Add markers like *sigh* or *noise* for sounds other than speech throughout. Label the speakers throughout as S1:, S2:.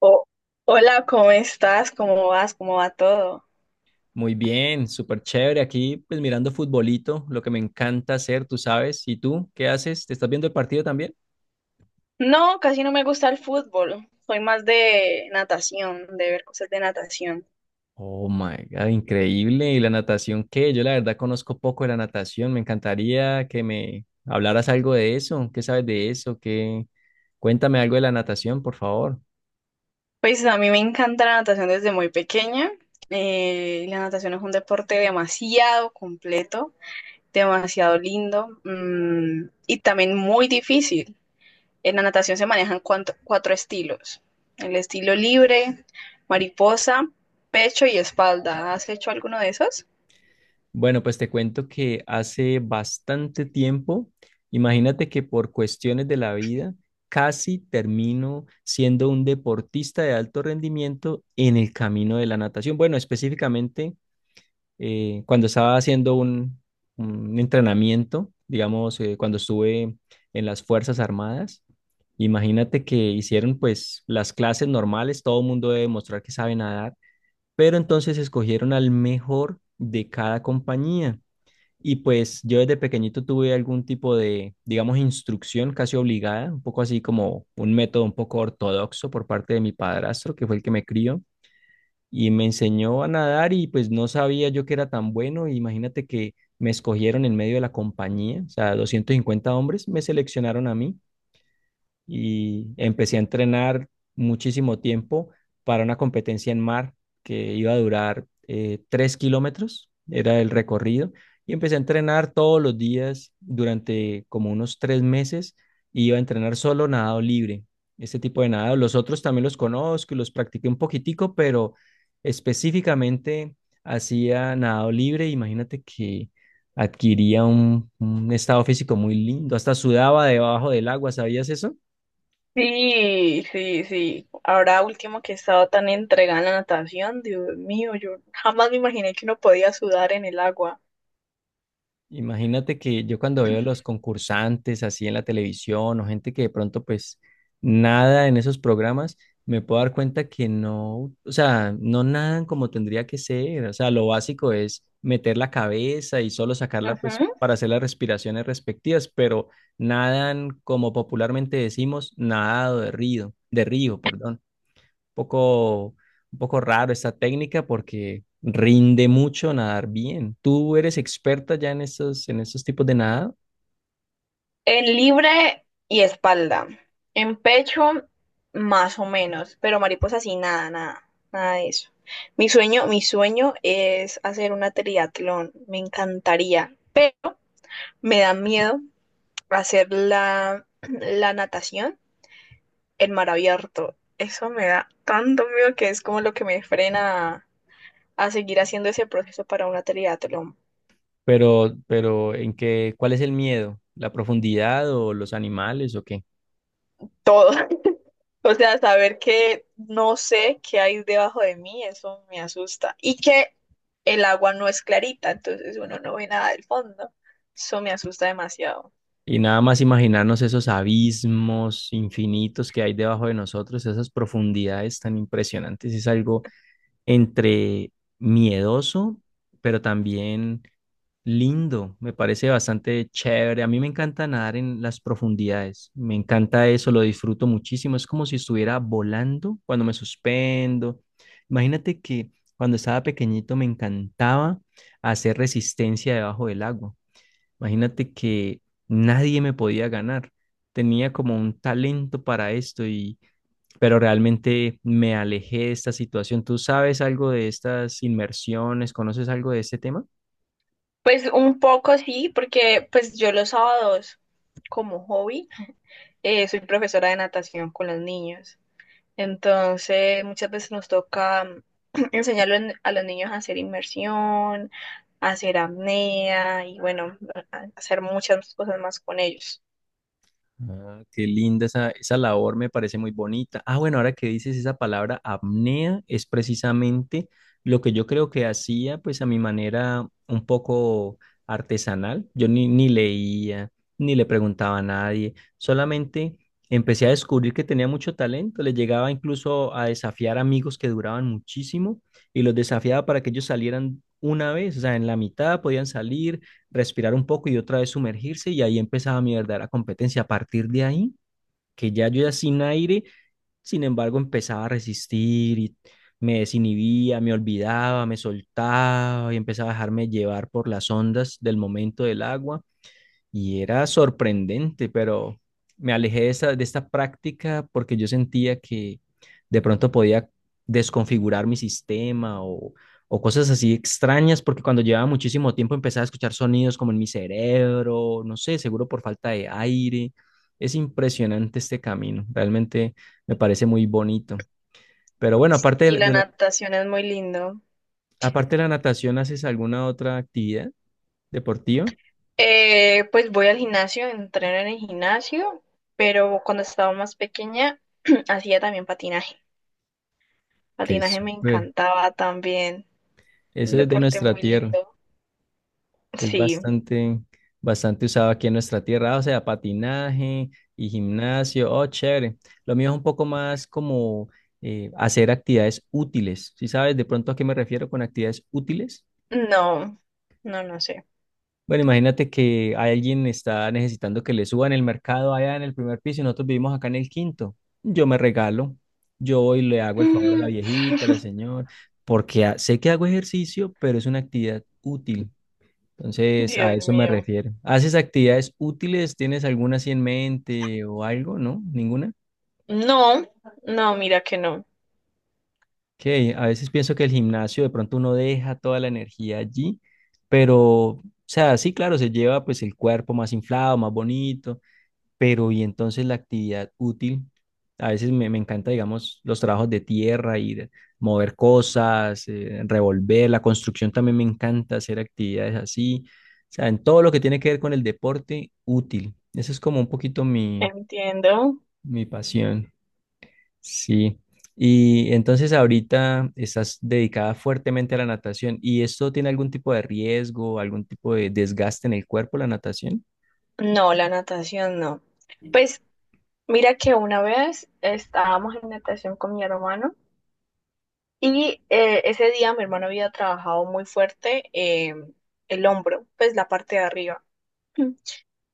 S1: Oh, hola, ¿cómo estás? ¿Cómo vas? ¿Cómo va todo?
S2: Muy bien, súper chévere. Aquí, pues mirando futbolito, lo que me encanta hacer, tú sabes. ¿Y tú qué haces? ¿Te estás viendo el partido también?
S1: No, casi no me gusta el fútbol. Soy más de natación, de ver cosas de natación.
S2: Oh my God, increíble. ¿Y la natación qué? Yo la verdad conozco poco de la natación. Me encantaría que me hablaras algo de eso. ¿Qué sabes de eso? ¿Qué? Cuéntame algo de la natación, por favor.
S1: Pues a mí me encanta la natación desde muy pequeña. La natación es un deporte demasiado completo, demasiado lindo, mm, y también muy difícil. En la natación se manejan cuatro estilos. El estilo libre, mariposa, pecho y espalda. ¿Has hecho alguno de esos?
S2: Bueno, pues te cuento que hace bastante tiempo, imagínate que por cuestiones de la vida, casi termino siendo un deportista de alto rendimiento en el camino de la natación. Bueno, específicamente cuando estaba haciendo un entrenamiento, digamos, cuando estuve en las Fuerzas Armadas, imagínate que hicieron pues las clases normales, todo el mundo debe mostrar que sabe nadar, pero entonces escogieron al mejor de cada compañía. Y pues yo desde pequeñito tuve algún tipo de, digamos, instrucción casi obligada, un poco así como un método un poco ortodoxo por parte de mi padrastro, que fue el que me crió, y me enseñó a nadar y pues no sabía yo que era tan bueno. Imagínate que me escogieron en medio de la compañía, o sea, 250 hombres me seleccionaron a mí y empecé a entrenar muchísimo tiempo para una competencia en mar que iba a durar 3 kilómetros, era el recorrido, y empecé a entrenar todos los días durante como unos 3 meses, y iba a entrenar solo nadado libre, este tipo de nadado. Los otros también los conozco y los practiqué un poquitico, pero específicamente hacía nadado libre, imagínate que adquiría un estado físico muy lindo, hasta sudaba debajo del agua, ¿sabías eso?
S1: Sí, sí, sí. Ahora último que he estado tan entregada en la natación, Dios mío, yo jamás me imaginé que uno podía sudar en el agua.
S2: Imagínate que yo cuando veo los concursantes así en la televisión o gente que de pronto pues nada en esos programas, me puedo dar cuenta que no, o sea, no nadan como tendría que ser. O sea, lo básico es meter la cabeza y solo sacarla pues
S1: Ujú.
S2: para hacer las respiraciones respectivas, pero nadan como popularmente decimos, nadado de río, perdón, poco, un poco raro esta técnica porque rinde mucho nadar bien. Tú eres experta ya en estos tipos de nada,
S1: En libre y espalda. En pecho, más o menos, pero mariposa sí, nada, nada, nada de eso. Mi sueño es hacer una triatlón, me encantaría, pero me da miedo hacer la natación en mar abierto. Eso me da tanto miedo que es como lo que me frena a seguir haciendo ese proceso para una triatlón.
S2: pero cuál es el miedo? ¿La profundidad o los animales o qué?
S1: Todo. *laughs* O sea, saber que no sé qué hay debajo de mí, eso me asusta. Y que el agua no es clarita, entonces uno no ve nada del fondo. Eso me asusta demasiado.
S2: Y nada más imaginarnos esos abismos infinitos que hay debajo de nosotros, esas profundidades tan impresionantes, es algo entre miedoso, pero también lindo, me parece bastante chévere. A mí me encanta nadar en las profundidades. Me encanta eso, lo disfruto muchísimo. Es como si estuviera volando cuando me suspendo. Imagínate que cuando estaba pequeñito me encantaba hacer resistencia debajo del agua. Imagínate que nadie me podía ganar. Tenía como un talento para esto y pero realmente me alejé de esta situación. ¿Tú sabes algo de estas inmersiones? ¿Conoces algo de este tema?
S1: Pues un poco sí, porque pues yo los sábados como hobby soy profesora de natación con los niños. Entonces, muchas veces nos toca *clears throat* enseñarle a los niños a hacer inmersión, a hacer apnea y bueno, a hacer muchas cosas más con ellos.
S2: Ah, qué linda esa labor, me parece muy bonita. Ah, bueno, ahora que dices esa palabra apnea, es precisamente lo que yo creo que hacía, pues a mi manera un poco artesanal. Yo ni leía, ni le preguntaba a nadie, solamente empecé a descubrir que tenía mucho talento. Le llegaba incluso a desafiar amigos que duraban muchísimo y los desafiaba para que ellos salieran una vez, o sea, en la mitad podían salir respirar un poco y otra vez sumergirse y ahí empezaba mi verdadera competencia. A partir de ahí, que ya yo ya sin aire, sin embargo, empezaba a resistir y me desinhibía, me olvidaba, me soltaba y empezaba a dejarme llevar por las ondas del momento del agua y era sorprendente, pero me alejé de esta práctica porque yo sentía que de pronto podía desconfigurar mi sistema o cosas así extrañas, porque cuando llevaba muchísimo tiempo empezaba a escuchar sonidos como en mi cerebro, no sé, seguro por falta de aire. Es impresionante este camino, realmente me parece muy bonito. Pero bueno,
S1: Y la natación es muy lindo.
S2: aparte de la natación, ¿haces alguna otra actividad deportiva?
S1: Pues voy al gimnasio, entreno en el gimnasio, pero cuando estaba más pequeña *clears throat* hacía también patinaje.
S2: Que es
S1: Patinaje me encantaba también, un
S2: Eso es de
S1: deporte
S2: nuestra
S1: muy
S2: tierra.
S1: lindo.
S2: Es
S1: Sí,
S2: bastante, bastante usado aquí en nuestra tierra, o sea, patinaje y gimnasio, oh, chévere. Lo mío es un poco más como hacer actividades útiles. ¿Si sabes de pronto a qué me refiero con actividades útiles?
S1: no, no, no sé.
S2: Bueno, imagínate que alguien está necesitando que le suban el mercado allá en el primer piso y nosotros vivimos acá en el quinto. Yo me regalo, yo voy y le hago el favor a la
S1: *laughs*
S2: viejita, a la señora, porque sé que hago ejercicio, pero es una actividad útil. Entonces, a
S1: Dios
S2: eso me
S1: mío.
S2: refiero. ¿Haces actividades útiles? ¿Tienes alguna así en mente o algo? ¿No? ¿Ninguna?
S1: No, no, mira que no.
S2: Que a veces pienso que el gimnasio de pronto uno deja toda la energía allí, pero, o sea, sí, claro, se lleva pues el cuerpo más inflado, más bonito, pero y entonces la actividad útil, a veces me encanta, digamos, los trabajos de tierra, ir, mover cosas, revolver, la construcción también me encanta hacer actividades así, o sea, en todo lo que tiene que ver con el deporte útil. Eso es como un poquito mi,
S1: Entiendo.
S2: mi pasión, sí. Y entonces ahorita estás dedicada fuertemente a la natación. ¿Y esto tiene algún tipo de riesgo, algún tipo de desgaste en el cuerpo, la natación?
S1: No, la natación no. Pues mira que una vez estábamos en natación con mi hermano y ese día mi hermano había trabajado muy fuerte el hombro, pues la parte de arriba.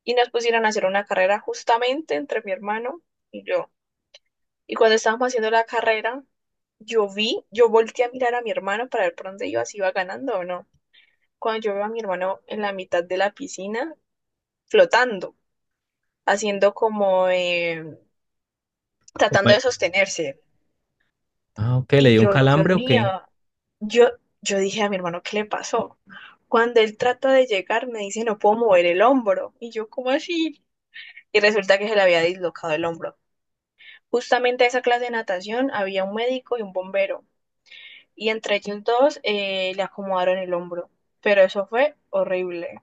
S1: Y nos pusieron a hacer una carrera justamente entre mi hermano y yo. Y cuando estábamos haciendo la carrera, yo vi, yo volteé a mirar a mi hermano para ver por dónde iba, si iba ganando o no. Cuando yo veo a mi hermano en la mitad de la piscina, flotando, haciendo como tratando
S2: Compa-
S1: de sostenerse.
S2: Ah, ok, ¿le
S1: Y
S2: dio un
S1: yo, Dios
S2: calambre o
S1: mío,
S2: qué?
S1: yo, yo dije a mi hermano, ¿qué le pasó? Cuando él trata de llegar, me dice, no puedo mover el hombro. Y yo, ¿cómo así? Y resulta que se le había dislocado el hombro. Justamente a esa clase de natación había un médico y un bombero. Y entre ellos dos le acomodaron el hombro. Pero eso fue horrible.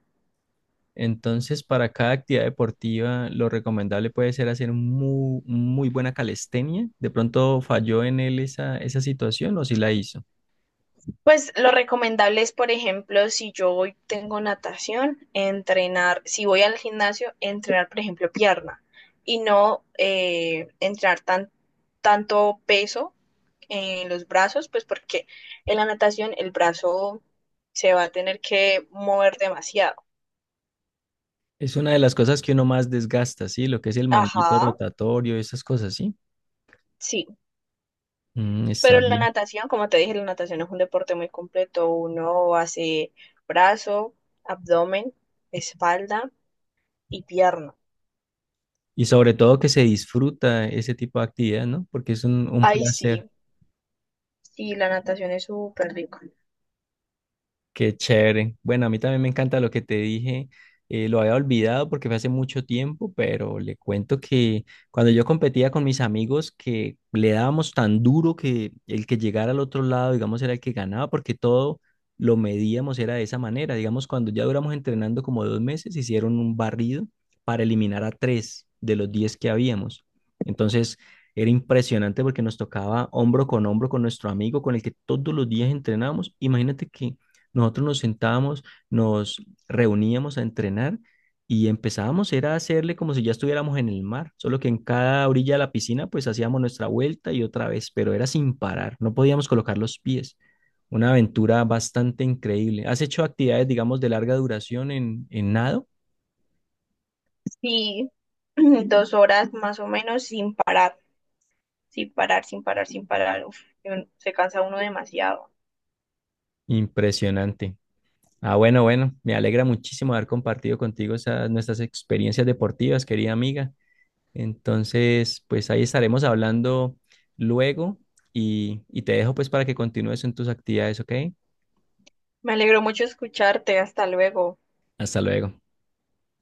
S2: Entonces, para cada actividad deportiva, lo recomendable puede ser hacer muy, muy buena calistenia. De pronto falló en él esa situación o si la hizo.
S1: Pues lo recomendable es, por ejemplo, si yo hoy tengo natación, entrenar, si voy al gimnasio, entrenar, por ejemplo, pierna y no entrenar tanto peso en los brazos, pues porque en la natación el brazo se va a tener que mover demasiado.
S2: Es una de las cosas que uno más desgasta, ¿sí? Lo que es el manguito
S1: Ajá,
S2: rotatorio, esas cosas, ¿sí?
S1: sí,
S2: Mm, está
S1: pero la
S2: bien.
S1: natación, como te dije, la natación es un deporte muy completo. Uno hace brazo, abdomen, espalda y pierna.
S2: Y sobre todo que se disfruta ese tipo de actividad, ¿no? Porque es un
S1: Ay,
S2: placer.
S1: sí. Sí, la natación es súper rico.
S2: Qué chévere. Bueno, a mí también me encanta lo que te dije. Lo había olvidado porque fue hace mucho tiempo, pero le cuento que cuando yo competía con mis amigos, que le dábamos tan duro que el que llegara al otro lado, digamos, era el que ganaba, porque todo lo medíamos era de esa manera. Digamos, cuando ya duramos entrenando como 2 meses, hicieron un barrido para eliminar a tres de los 10 que habíamos. Entonces, era impresionante porque nos tocaba hombro con nuestro amigo con el que todos los días entrenábamos. Imagínate que nosotros nos sentábamos, nos reuníamos a entrenar y empezábamos era a hacerle como si ya estuviéramos en el mar, solo que en cada orilla de la piscina pues hacíamos nuestra vuelta y otra vez, pero era sin parar, no podíamos colocar los pies. Una aventura bastante increíble. ¿Has hecho actividades, digamos, de larga duración en, nado?
S1: Sí, *clears throat* 2 horas más o menos sin parar, sin parar, sin parar, sin parar. Uf, y uno se cansa uno demasiado.
S2: Impresionante. Ah, bueno, bueno, me alegra muchísimo haber compartido contigo esas, nuestras experiencias deportivas, querida amiga. Entonces, pues ahí estaremos hablando luego y te dejo pues para que continúes en tus actividades, ¿ok?
S1: Me alegró mucho escucharte. Hasta luego.
S2: Hasta luego.